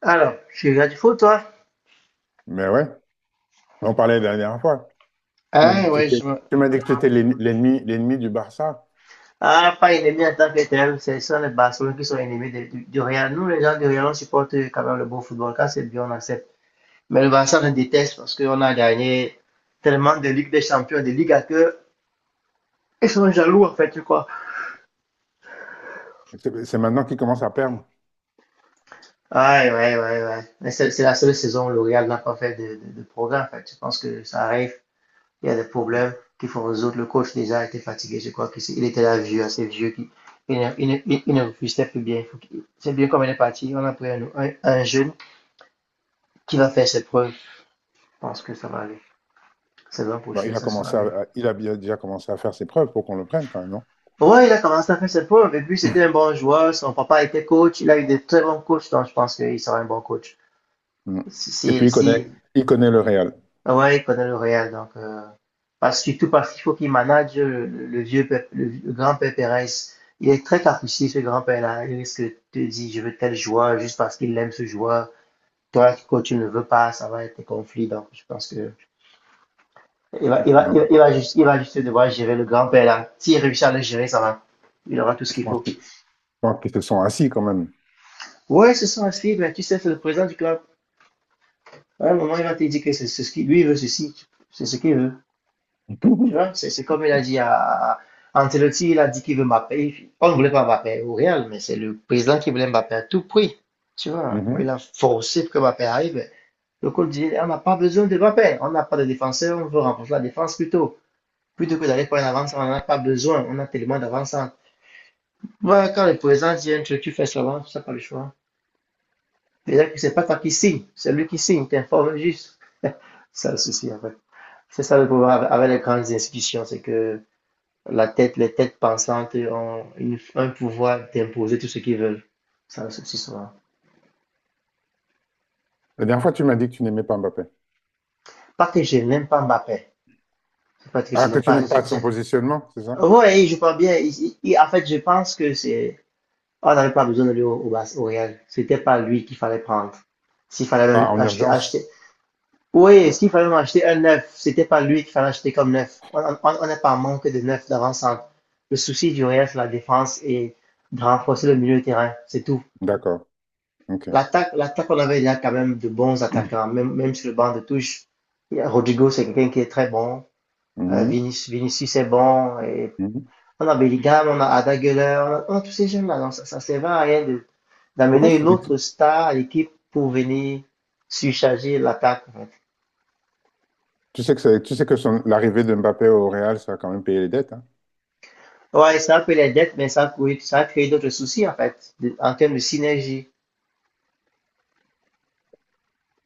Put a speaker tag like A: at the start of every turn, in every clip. A: Alors, tu regardes du foot, toi?
B: Mais ouais, on parlait la dernière fois. Tu m'as dit
A: Ah
B: que tu
A: ouais,
B: étais,
A: je me-
B: Tu m'as dit que tu étais l'ennemi, l'ennemi du Barça.
A: Ah, pas ennemi en tant que tel, c'est ça les Barcelonais qui sont ennemis de- du Real. Nous, les gens du Real, on supporte quand même le beau football. Quand c'est bien, on accepte. Mais le Barça, on le déteste parce qu'on a gagné tellement de Ligue des Champions, de Ligue à que ils sont jaloux, en fait, tu crois.
B: C'est maintenant qu'il commence à perdre.
A: Ouais, ouais, ouais, ouais. Mais c'est la seule saison où le Real n'a pas fait de progrès, en fait. Je pense que ça arrive. Il y a des
B: Mm.
A: problèmes qu'il faut résoudre. Le coach déjà était fatigué, je crois qu'il était là vieux, assez vieux, qui, il, ne- il, ne- il, ne refusait plus bien. C'est bien comme elle est partie, on a pris un jeune qui va faire ses preuves. Je pense que ça va aller. C'est l'an
B: Bon,
A: prochain,
B: il a
A: ça sera
B: commencé
A: mieux.
B: déjà commencé à faire ses preuves pour qu'on le prenne quand même, non?
A: Ouais, il a commencé à faire ses preuves et puis c'était un bon joueur. Son papa était coach, il a eu de très bons coachs, donc je pense qu'il sera un bon coach.
B: Mm.
A: Si,
B: Et puis
A: si,
B: il
A: si,
B: connaît, il connaît le Real.
A: ah ouais, il connaît le Real, donc parce, surtout parce qu'il faut qu'il manage le vieux Pep- le, vieux- le grand-père Pérez. Il est très capricieux, ce grand-père-là. Il risque de te dire, je veux tel joueur juste parce qu'il aime ce joueur. Toi, quand tu ne veux pas, ça va être des conflits. Donc, je pense que il va,
B: Mm.
A: il va,
B: Non,
A: il va,
B: mais
A: il va juste devoir gérer le grand-père-là. S'il réussit à le gérer, ça va. Il aura tout ce qu'il faut.
B: je pense qu'ils se sont assis quand même.
A: Ouais, ce sont à suivre, mais tu sais, c'est le président du club. À un moment, il va te dire que c'est ce qu'il lui il veut ceci. C'est ce qu'il veut. Tu vois, c'est comme il a dit à Ancelotti, il a dit qu'il veut Mbappé. On ne voulait pas Mbappé au Real, mais c'est le président qui voulait Mbappé à tout prix. Tu vois, il
B: Mhm.
A: a forcé pour que Mbappé arrive. Le coach dit, on n'a pas besoin de Mbappé, on n'a pas de défenseur, on veut renforcer la défense plutôt. Plutôt que d'aller pour une avance, on n'en a pas besoin, on a tellement d'avance. Ouais, quand le président dit un truc, tu fais seulement, ça pas le choix. Déjà que c'est pas toi qui signe, c'est lui qui signe, t'informes juste. C'est ça le souci, en fait. C'est ça le problème avec les grandes institutions, c'est que la tête, les têtes pensantes ont une- un pouvoir d'imposer tout ce qu'ils veulent. Ça, c'est aussi souvent.
B: La dernière fois, tu m'as dit que tu n'aimais pas Mbappé.
A: Pas que je n'aime pas Mbappé. C'est pas que je
B: Ah, que
A: n'aime
B: tu
A: pas.
B: n'aimes pas son
A: Je-
B: positionnement, c'est ça?
A: ouais, il joue bien. Il- en fait, je pense que c'est. On n'avait pas besoin de lui Bas- au Real. C'était pas lui qu'il fallait prendre. S'il fallait même
B: Ah, en
A: acheter,
B: urgence.
A: acheter. Oui, s'il fallait même acheter un neuf, c'était pas lui qu'il fallait acheter comme neuf. On n'est pas en manque de neuf d'avant-centre. Le souci du Real, c'est la défense et de renforcer le milieu de terrain. C'est tout.
B: D'accord. OK.
A: L'attaque, l'attaque, on avait déjà quand même de bons attaquants, même, même sur le banc de touche. Rodrigo, c'est quelqu'un qui est très bon.
B: Mhm.
A: Vinicius, Vinicius est bon. Et
B: Mhm.
A: on a Bellingham, on a Ada Gueuleur, on a tous ces jeunes-là. Donc, ça sert à rien de-
B: Pourquoi
A: d'amener
B: tu
A: une
B: dis que...
A: autre star à l'équipe pour venir surcharger l'attaque, en fait.
B: Tu sais que, l'arrivée de Mbappé au Real, ça va quand même payer les dettes, hein?
A: Ouais, ça a pris les dettes, mais ça a créé d'autres soucis, en fait, de- en termes de synergie.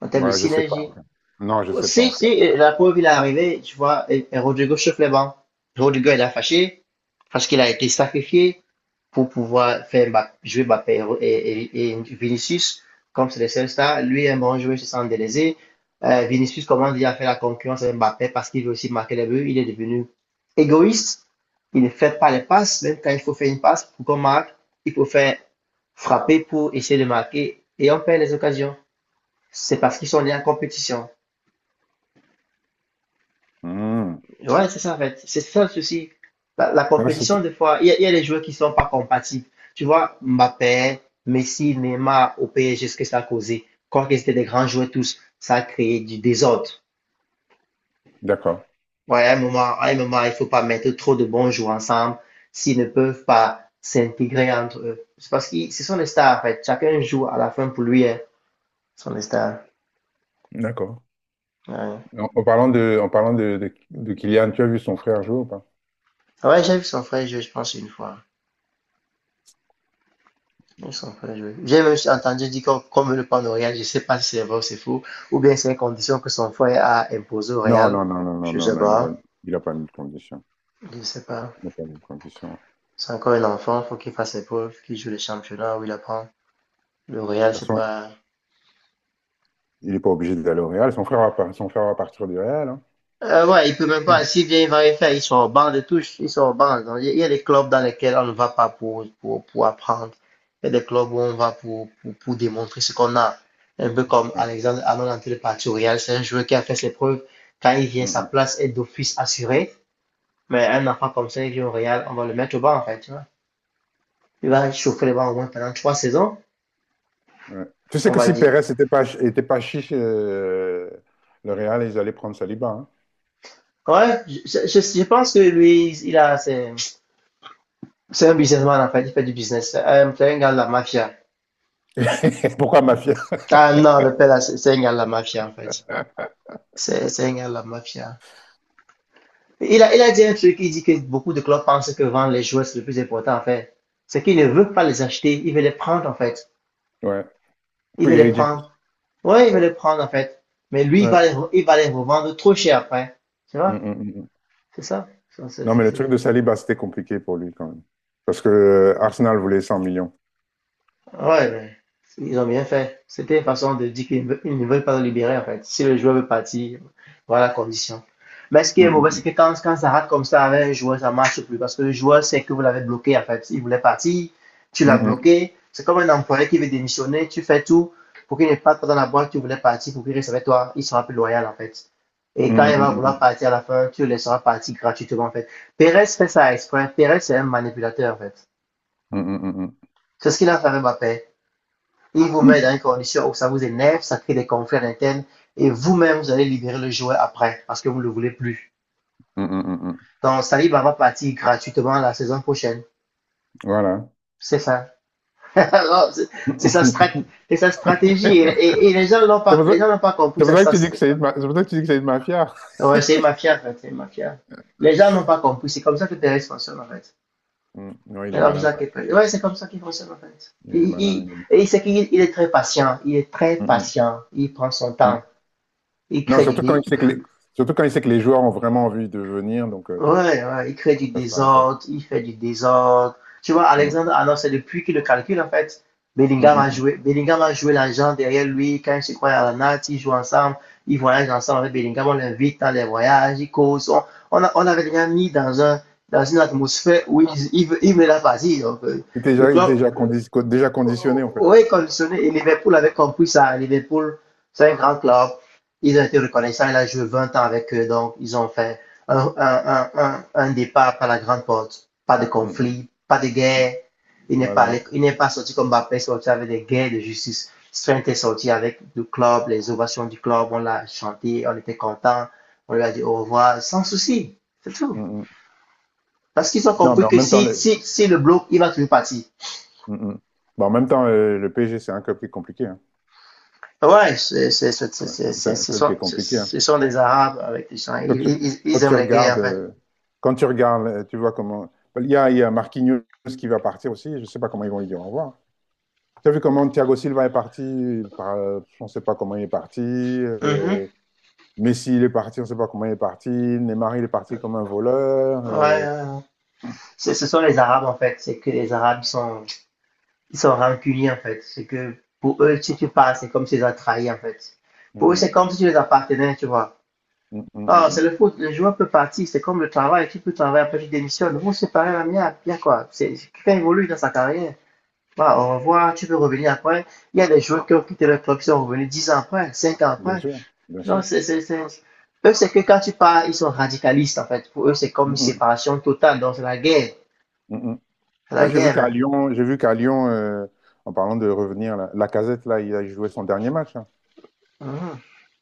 A: En termes de
B: Ouais, je sais pas,
A: synergie.
B: en fait. Non, je sais pas,
A: Si,
B: en fait.
A: si, la preuve, il est arrivé, tu vois, et Rodrigo chauffe les bancs. Rodrigo, il a fâché, parce qu'il a été sacrifié pour pouvoir faire jouer Mbappé et Vinicius, comme c'est le seul star. Lui un bon joueur, se sent délaisé. Vinicius commence déjà à faire la concurrence avec Mbappé parce qu'il veut aussi marquer les buts. Il est devenu égoïste. Il ne fait pas les passes. Même quand il faut faire une passe pour qu'on marque, il faut faire frapper pour essayer de marquer. Et on perd les occasions. C'est parce qu'ils sont liés en compétition.
B: Hmm.
A: Ouais, c'est ça en fait. C'est ça le souci. La
B: Ah, c'est...
A: compétition, des fois, il y a des joueurs qui sont pas compatibles. Tu vois, Mbappé, Messi, Neymar au PSG, ce que ça a causé. Quand ils étaient des grands joueurs tous, ça a créé du désordre.
B: D'accord.
A: Ouais, à un moment, il faut pas mettre trop de bons joueurs ensemble s'ils ne peuvent pas s'intégrer entre eux. C'est parce que ce sont des stars en fait. Chacun joue à la fin pour lui, hein. Ce sont des stars.
B: D'accord.
A: Ouais,
B: En, en parlant de Kylian, tu as vu son frère jouer ou pas?
A: ouais, j'ai vu son frère jouer, je pense, une fois. Ils sont très jolis. J'ai même entendu dire qu'on- comme le pan au Real, je ne sais pas si c'est vrai ou c'est faux, ou bien c'est une condition que son frère a imposée au
B: Non,
A: Real.
B: non, non, non, non,
A: Je ne
B: non,
A: sais
B: non,
A: pas.
B: il a pas mis de condition.
A: Je ne sais pas.
B: Il n'a pas mis de condition. De
A: C'est encore un enfant, faut qu'il fasse ses preuves, qu'il joue le championnat où il apprend. Le Real,
B: toute
A: c'est
B: façon,
A: pas.
B: il n'est pas obligé d'aller au Real. Son frère va partir du Real, hein.
A: Ouais, il peut même pas. S'il vient, il va rien faire. Ils sont au banc de touche. Ils sont au banc. Donc, il y a des clubs dans lesquels on ne va pas pour, pour apprendre. Il y a des clubs où on va pour démontrer ce qu'on a. Un peu comme
B: Ouais.
A: Alexandre Arnold en parti au Real. C'est un joueur qui a fait ses preuves. Quand il vient, sa
B: Mm,
A: place est d'office assurée. Mais un enfant comme ça, il vient au Real, on va le mettre au banc, en fait, tu vois. Il va chauffer le banc au moins pendant trois saisons,
B: mm, ouais. Tu sais
A: on
B: que
A: va
B: si
A: dire.
B: Pérez n'était pas, était pas chiche, le Real, ils allaient prendre Saliba, hein.
A: Ouais, je pense que lui, il a, c'est un businessman, en fait. Il fait du business. C'est un gars de la mafia.
B: Pourquoi Mafia?
A: Ah non, le père, là, c'est un gars de la mafia, en fait. C'est un gars de la mafia. Il a dit un truc, il dit que beaucoup de clubs pensent que vendre les joueurs, c'est le plus important, en fait. C'est qu'il ne veut pas les acheter, il veut les prendre, en fait.
B: Ouais.
A: Il veut
B: Free
A: les
B: agent.
A: prendre. Ouais, il veut les prendre, en fait. Mais lui, il va
B: Ouais.
A: les, re- il va les revendre trop cher après. Tu
B: Mm,
A: vois?
B: mm, mm. Mm.
A: C'est ça?
B: Non, mais le
A: C'est-
B: truc de Saliba, c'était compliqué pour lui quand même. Parce que Arsenal voulait 100 millions.
A: ouais, mais ils ont bien fait. C'était une façon de dire qu'ils ne veulent pas le libérer, en fait. Si le joueur veut partir, voilà la condition. Mais ce qui est mauvais, c'est
B: Mm,
A: que quand, quand ça rate comme ça avec un joueur, ça ne marche plus. Parce que le joueur sait que vous l'avez bloqué, en fait. Il voulait partir, tu
B: mm,
A: l'as
B: mm.
A: bloqué. C'est comme un employé qui veut démissionner, tu fais tout pour qu'il ne parte pas dans la boîte, tu voulais partir, pour qu'il reste avec toi. Il sera plus loyal, en fait. Et
B: Mm,
A: quand il va
B: mm,
A: vouloir
B: mm,
A: partir à la fin, tu le laisseras partir gratuitement, en fait. Pérez fait ça exprès. Pérez, c'est un manipulateur, en fait.
B: mm, mm, mm,
A: C'est ce qu'il a fait avec Mbappé. Il vous met dans
B: mm,
A: une condition où ça vous énerve, ça crée des conflits à l'interne et vous-même, vous allez libérer le joueur après parce que vous ne le voulez plus.
B: mm, mm, mm, mm. Mm, mm, mm, mm.
A: Donc, Saliba va partir gratuitement la saison prochaine.
B: Voilà.
A: C'est ça. C'est sa, strat sa, stratégie.
B: C'est
A: Et les gens n'ont pas,
B: pour ça
A: les gens n'ont pas compris
B: c'est pour
A: ça.
B: ça que
A: Ça
B: tu dis que c'est une, c'est pour ça que tu dis que c'est une mafia.
A: ouais, c'est mafia, en fait. C'est mafia. Les gens n'ont pas compris. C'est comme ça que Perez fonctionne, en fait.
B: Mm. Non, il
A: C'est
B: est
A: comme ça
B: malin.
A: qu'il ouais, c'est comme ça qu'il fonctionne, en fait.
B: Il est malin, il est malin.
A: Et c'est qu'il est très patient. Il est très
B: Mm,
A: patient. Il prend son
B: mm, mm.
A: temps. Il
B: Non,
A: crée
B: surtout quand
A: l'idée.
B: il
A: Il,
B: sait que les, surtout quand il sait que les joueurs ont vraiment envie de venir, donc
A: ouais, ouais, il crée du
B: ça se passe pas la tête.
A: désordre, il fait du désordre. Tu vois,
B: Mm,
A: Alexandre Arnold, c'est depuis qu'il le calcule, en fait.
B: mm, mm, mm.
A: Bellingham a joué l'agent derrière lui quand il se croit à la natte, ils jouent ensemble, ils voyagent ensemble avec Bellingham, on l'invite dans les voyages, ils causent. On, a- on avait déjà mis dans un, dans une atmosphère où il veut la partie. Donc,
B: Il est
A: le
B: déjà, il est
A: club,
B: déjà, déjà conditionné, en fait.
A: oui, conditionné. Et Liverpool avait compris ça. Liverpool, c'est un grand club. Ils ont été reconnaissants. Il a joué 20 ans avec eux. Donc, ils ont fait un départ par la grande porte. Pas de
B: Mm, mm.
A: conflit, pas de guerre. Il n'est pas,
B: Voilà.
A: allé- il n'est pas sorti comme Mbappé, sorti avec des guerres de justice. Strength est sorti avec le club, les ovations du club. On l'a chanté, on était content. On lui a dit au revoir, sans souci. C'est tout.
B: Mm, mm.
A: Parce qu'ils ont
B: Non, mais
A: compris
B: en
A: que
B: même temps, le...
A: si le bloc, il va toujours partir.
B: Mm, mm. Bon, en même temps, le PSG, c'est un club qui est compliqué, hein.
A: Ouais,
B: C'est
A: c'est-
B: un
A: ce
B: club qui
A: sont,
B: est
A: ce
B: compliqué, hein.
A: ce sont des Arabes avec des gens.
B: Quand tu,
A: Ils-
B: quand
A: ils
B: tu
A: aiment les guerres,
B: regardes,
A: en fait.
B: quand tu regardes, tu vois comment. Il y a Marquinhos qui va partir aussi. Je ne sais pas comment ils vont lui dire au revoir. Tu as vu comment Thiago Silva est parti on ne sait pas comment il est parti.
A: Mhm.
B: Messi, il est parti. On ne sait pas comment il est parti. Neymar, il est parti comme un voleur.
A: Ouais, ouais, ouais. Ce sont les Arabes, en fait. C'est que les Arabes, ils sont rancuniers, en fait. C'est que pour eux, si tu passes, c'est comme si tu les as trahis, en fait. Pour eux,
B: Mm,
A: c'est comme si tu les appartenais, tu vois.
B: mm, mm, mm,
A: Oh,
B: mm,
A: c'est
B: mm.
A: le foot. Le joueur peut partir. C'est comme le travail. Tu peux travailler, après tu démissionnes. Vous séparer la mienne, bien quoi. C'est- quelqu'un évolue dans sa carrière. Voilà, on va voir, tu peux revenir après. Il y a des joueurs qui ont quitté le club, qui sont revenus 10 ans après, 5 ans
B: Bien
A: après.
B: sûr, bien
A: Non,
B: sûr.
A: c'est... Eux, c'est que quand tu pars, ils sont radicalistes, en fait. Pour eux, c'est comme une
B: Mm,
A: séparation totale, donc c'est la guerre.
B: mm, mm, mm.
A: C'est
B: Là,
A: la
B: j'ai vu
A: guerre,
B: qu'à
A: hein.
B: Lyon, j'ai vu qu'à Lyon, en parlant de revenir, la Lacazette, là, il a joué son dernier match, hein.
A: Mhm.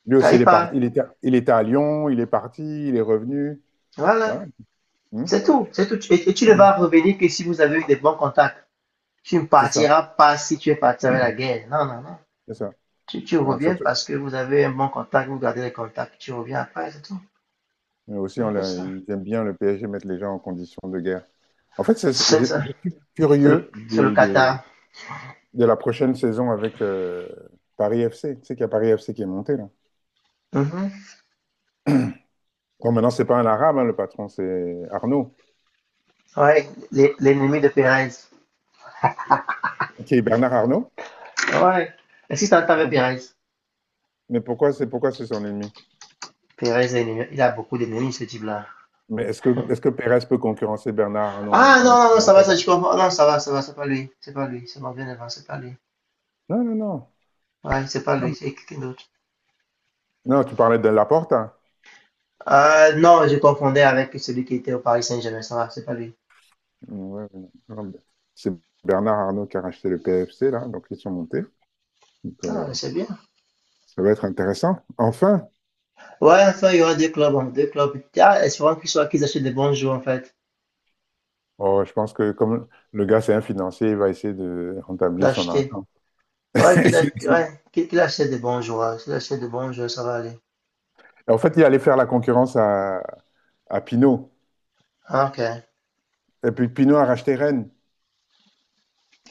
B: Lui
A: Quand
B: aussi, il
A: ils
B: est
A: partent,
B: parti, il était à Lyon, il est parti, il est revenu.
A: voilà.
B: Voilà. Hmm.
A: C'est tout, c'est tout. Et tu ne vas revenir que si vous avez eu des bons contacts. Tu ne
B: C'est ça,
A: partiras pas si tu es parti avec la guerre. Non, non, non.
B: c'est ça.
A: Tu
B: Ouais,
A: reviens
B: surtout.
A: parce que vous avez un bon contact, vous gardez les contacts, tu reviens après, c'est tout.
B: Mais
A: C'est
B: aussi,
A: un peu ça.
B: ils aiment bien, le PSG, mettre les gens en condition de guerre. En fait,
A: C'est
B: je
A: ça.
B: suis curieux
A: C'est le
B: de,
A: Qatar.
B: de la prochaine saison avec Paris FC. Tu sais qu'il y a Paris FC qui est monté, là.
A: Mhm.
B: Bon, maintenant, c'est pas un Arabe, hein, le patron, c'est Arnaud.
A: Ouais, l'é- l'ennemi de Perez.
B: Qui est Bernard Arnaud?
A: Ouais. Est-ce que t'entends
B: Pourquoi?
A: Perez?
B: Mais pourquoi c'est... Pourquoi c'est son ennemi?
A: Perez, est ennemi- il a beaucoup d'ennemis, ce type-là.
B: Mais est-ce que Pérez peut concurrencer Bernard Arnault
A: Ah non,
B: en, en,
A: non, non,
B: en
A: ça va,
B: état
A: ça, je
B: d'argent?
A: comprends. Non, ça va, c'est pas lui. C'est pas lui. C'est mon bien avant, c'est pas lui.
B: Non, non, non.
A: Ouais, c'est pas lui,
B: Non,
A: c'est quelqu'un d'autre.
B: non, tu parlais de Laporte, hein.
A: Ah non, je confondais avec celui qui était au Paris Saint-Germain, ça va, c'est pas lui.
B: Ouais, ouais, non, c'est Bernard Arnault qui a racheté le PFC, là, donc ils sont montés. Donc,
A: Ah, c'est bien.
B: ça va être intéressant. Enfin,
A: Ouais, enfin, il y aura deux clubs, hein, deux clubs. Ah, espérons qu'ils soient, qu'ils achètent des bons joueurs, en fait,
B: oh, je pense que comme le gars, c'est un financier, il va essayer de rentabiliser son
A: d'acheter.
B: argent.
A: Ouais, qu'ils a- ouais, qu'ils achètent des bons joueurs. S'ils achètent des bons joueurs, ça va aller.
B: En fait, il allait faire la concurrence à Pinot.
A: Ah, ok.
B: Et puis Pinot a racheté Rennes.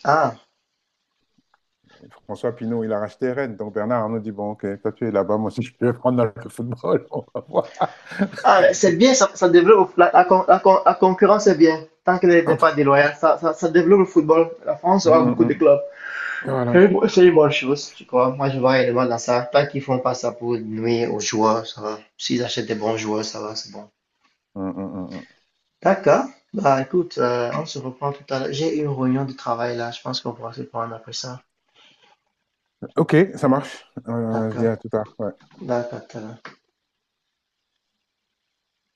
A: Ah,
B: François Pinault, il a racheté Rennes. Donc Bernard Arnault dit, bon, OK, toi tu es là-bas, moi aussi je peux prendre dans le football, on va voir.
A: ah, c'est bien, ça développe la, la con- la con- la concurrence est bien, tant qu'elle n'est pas déloyale, ça développe le football. La France aura beaucoup de clubs. C'est
B: Voilà.
A: une, bo- c'est une bonne chose, je crois. Moi, je vois réellement dans ça. Tant qu'ils font pas ça pour nuire aux joueurs, ça va. S'ils achètent des bons joueurs, ça va, c'est bon.
B: Hum, hum, hum, hum.
A: D'accord. Bah, écoute, on se reprend tout à l'heure. J'ai une réunion de travail là. Je pense qu'on pourra se prendre après ça.
B: Hum. OK, ça marche. Je dis
A: D'accord.
B: à tout à l'heure. Ouais.
A: D'accord.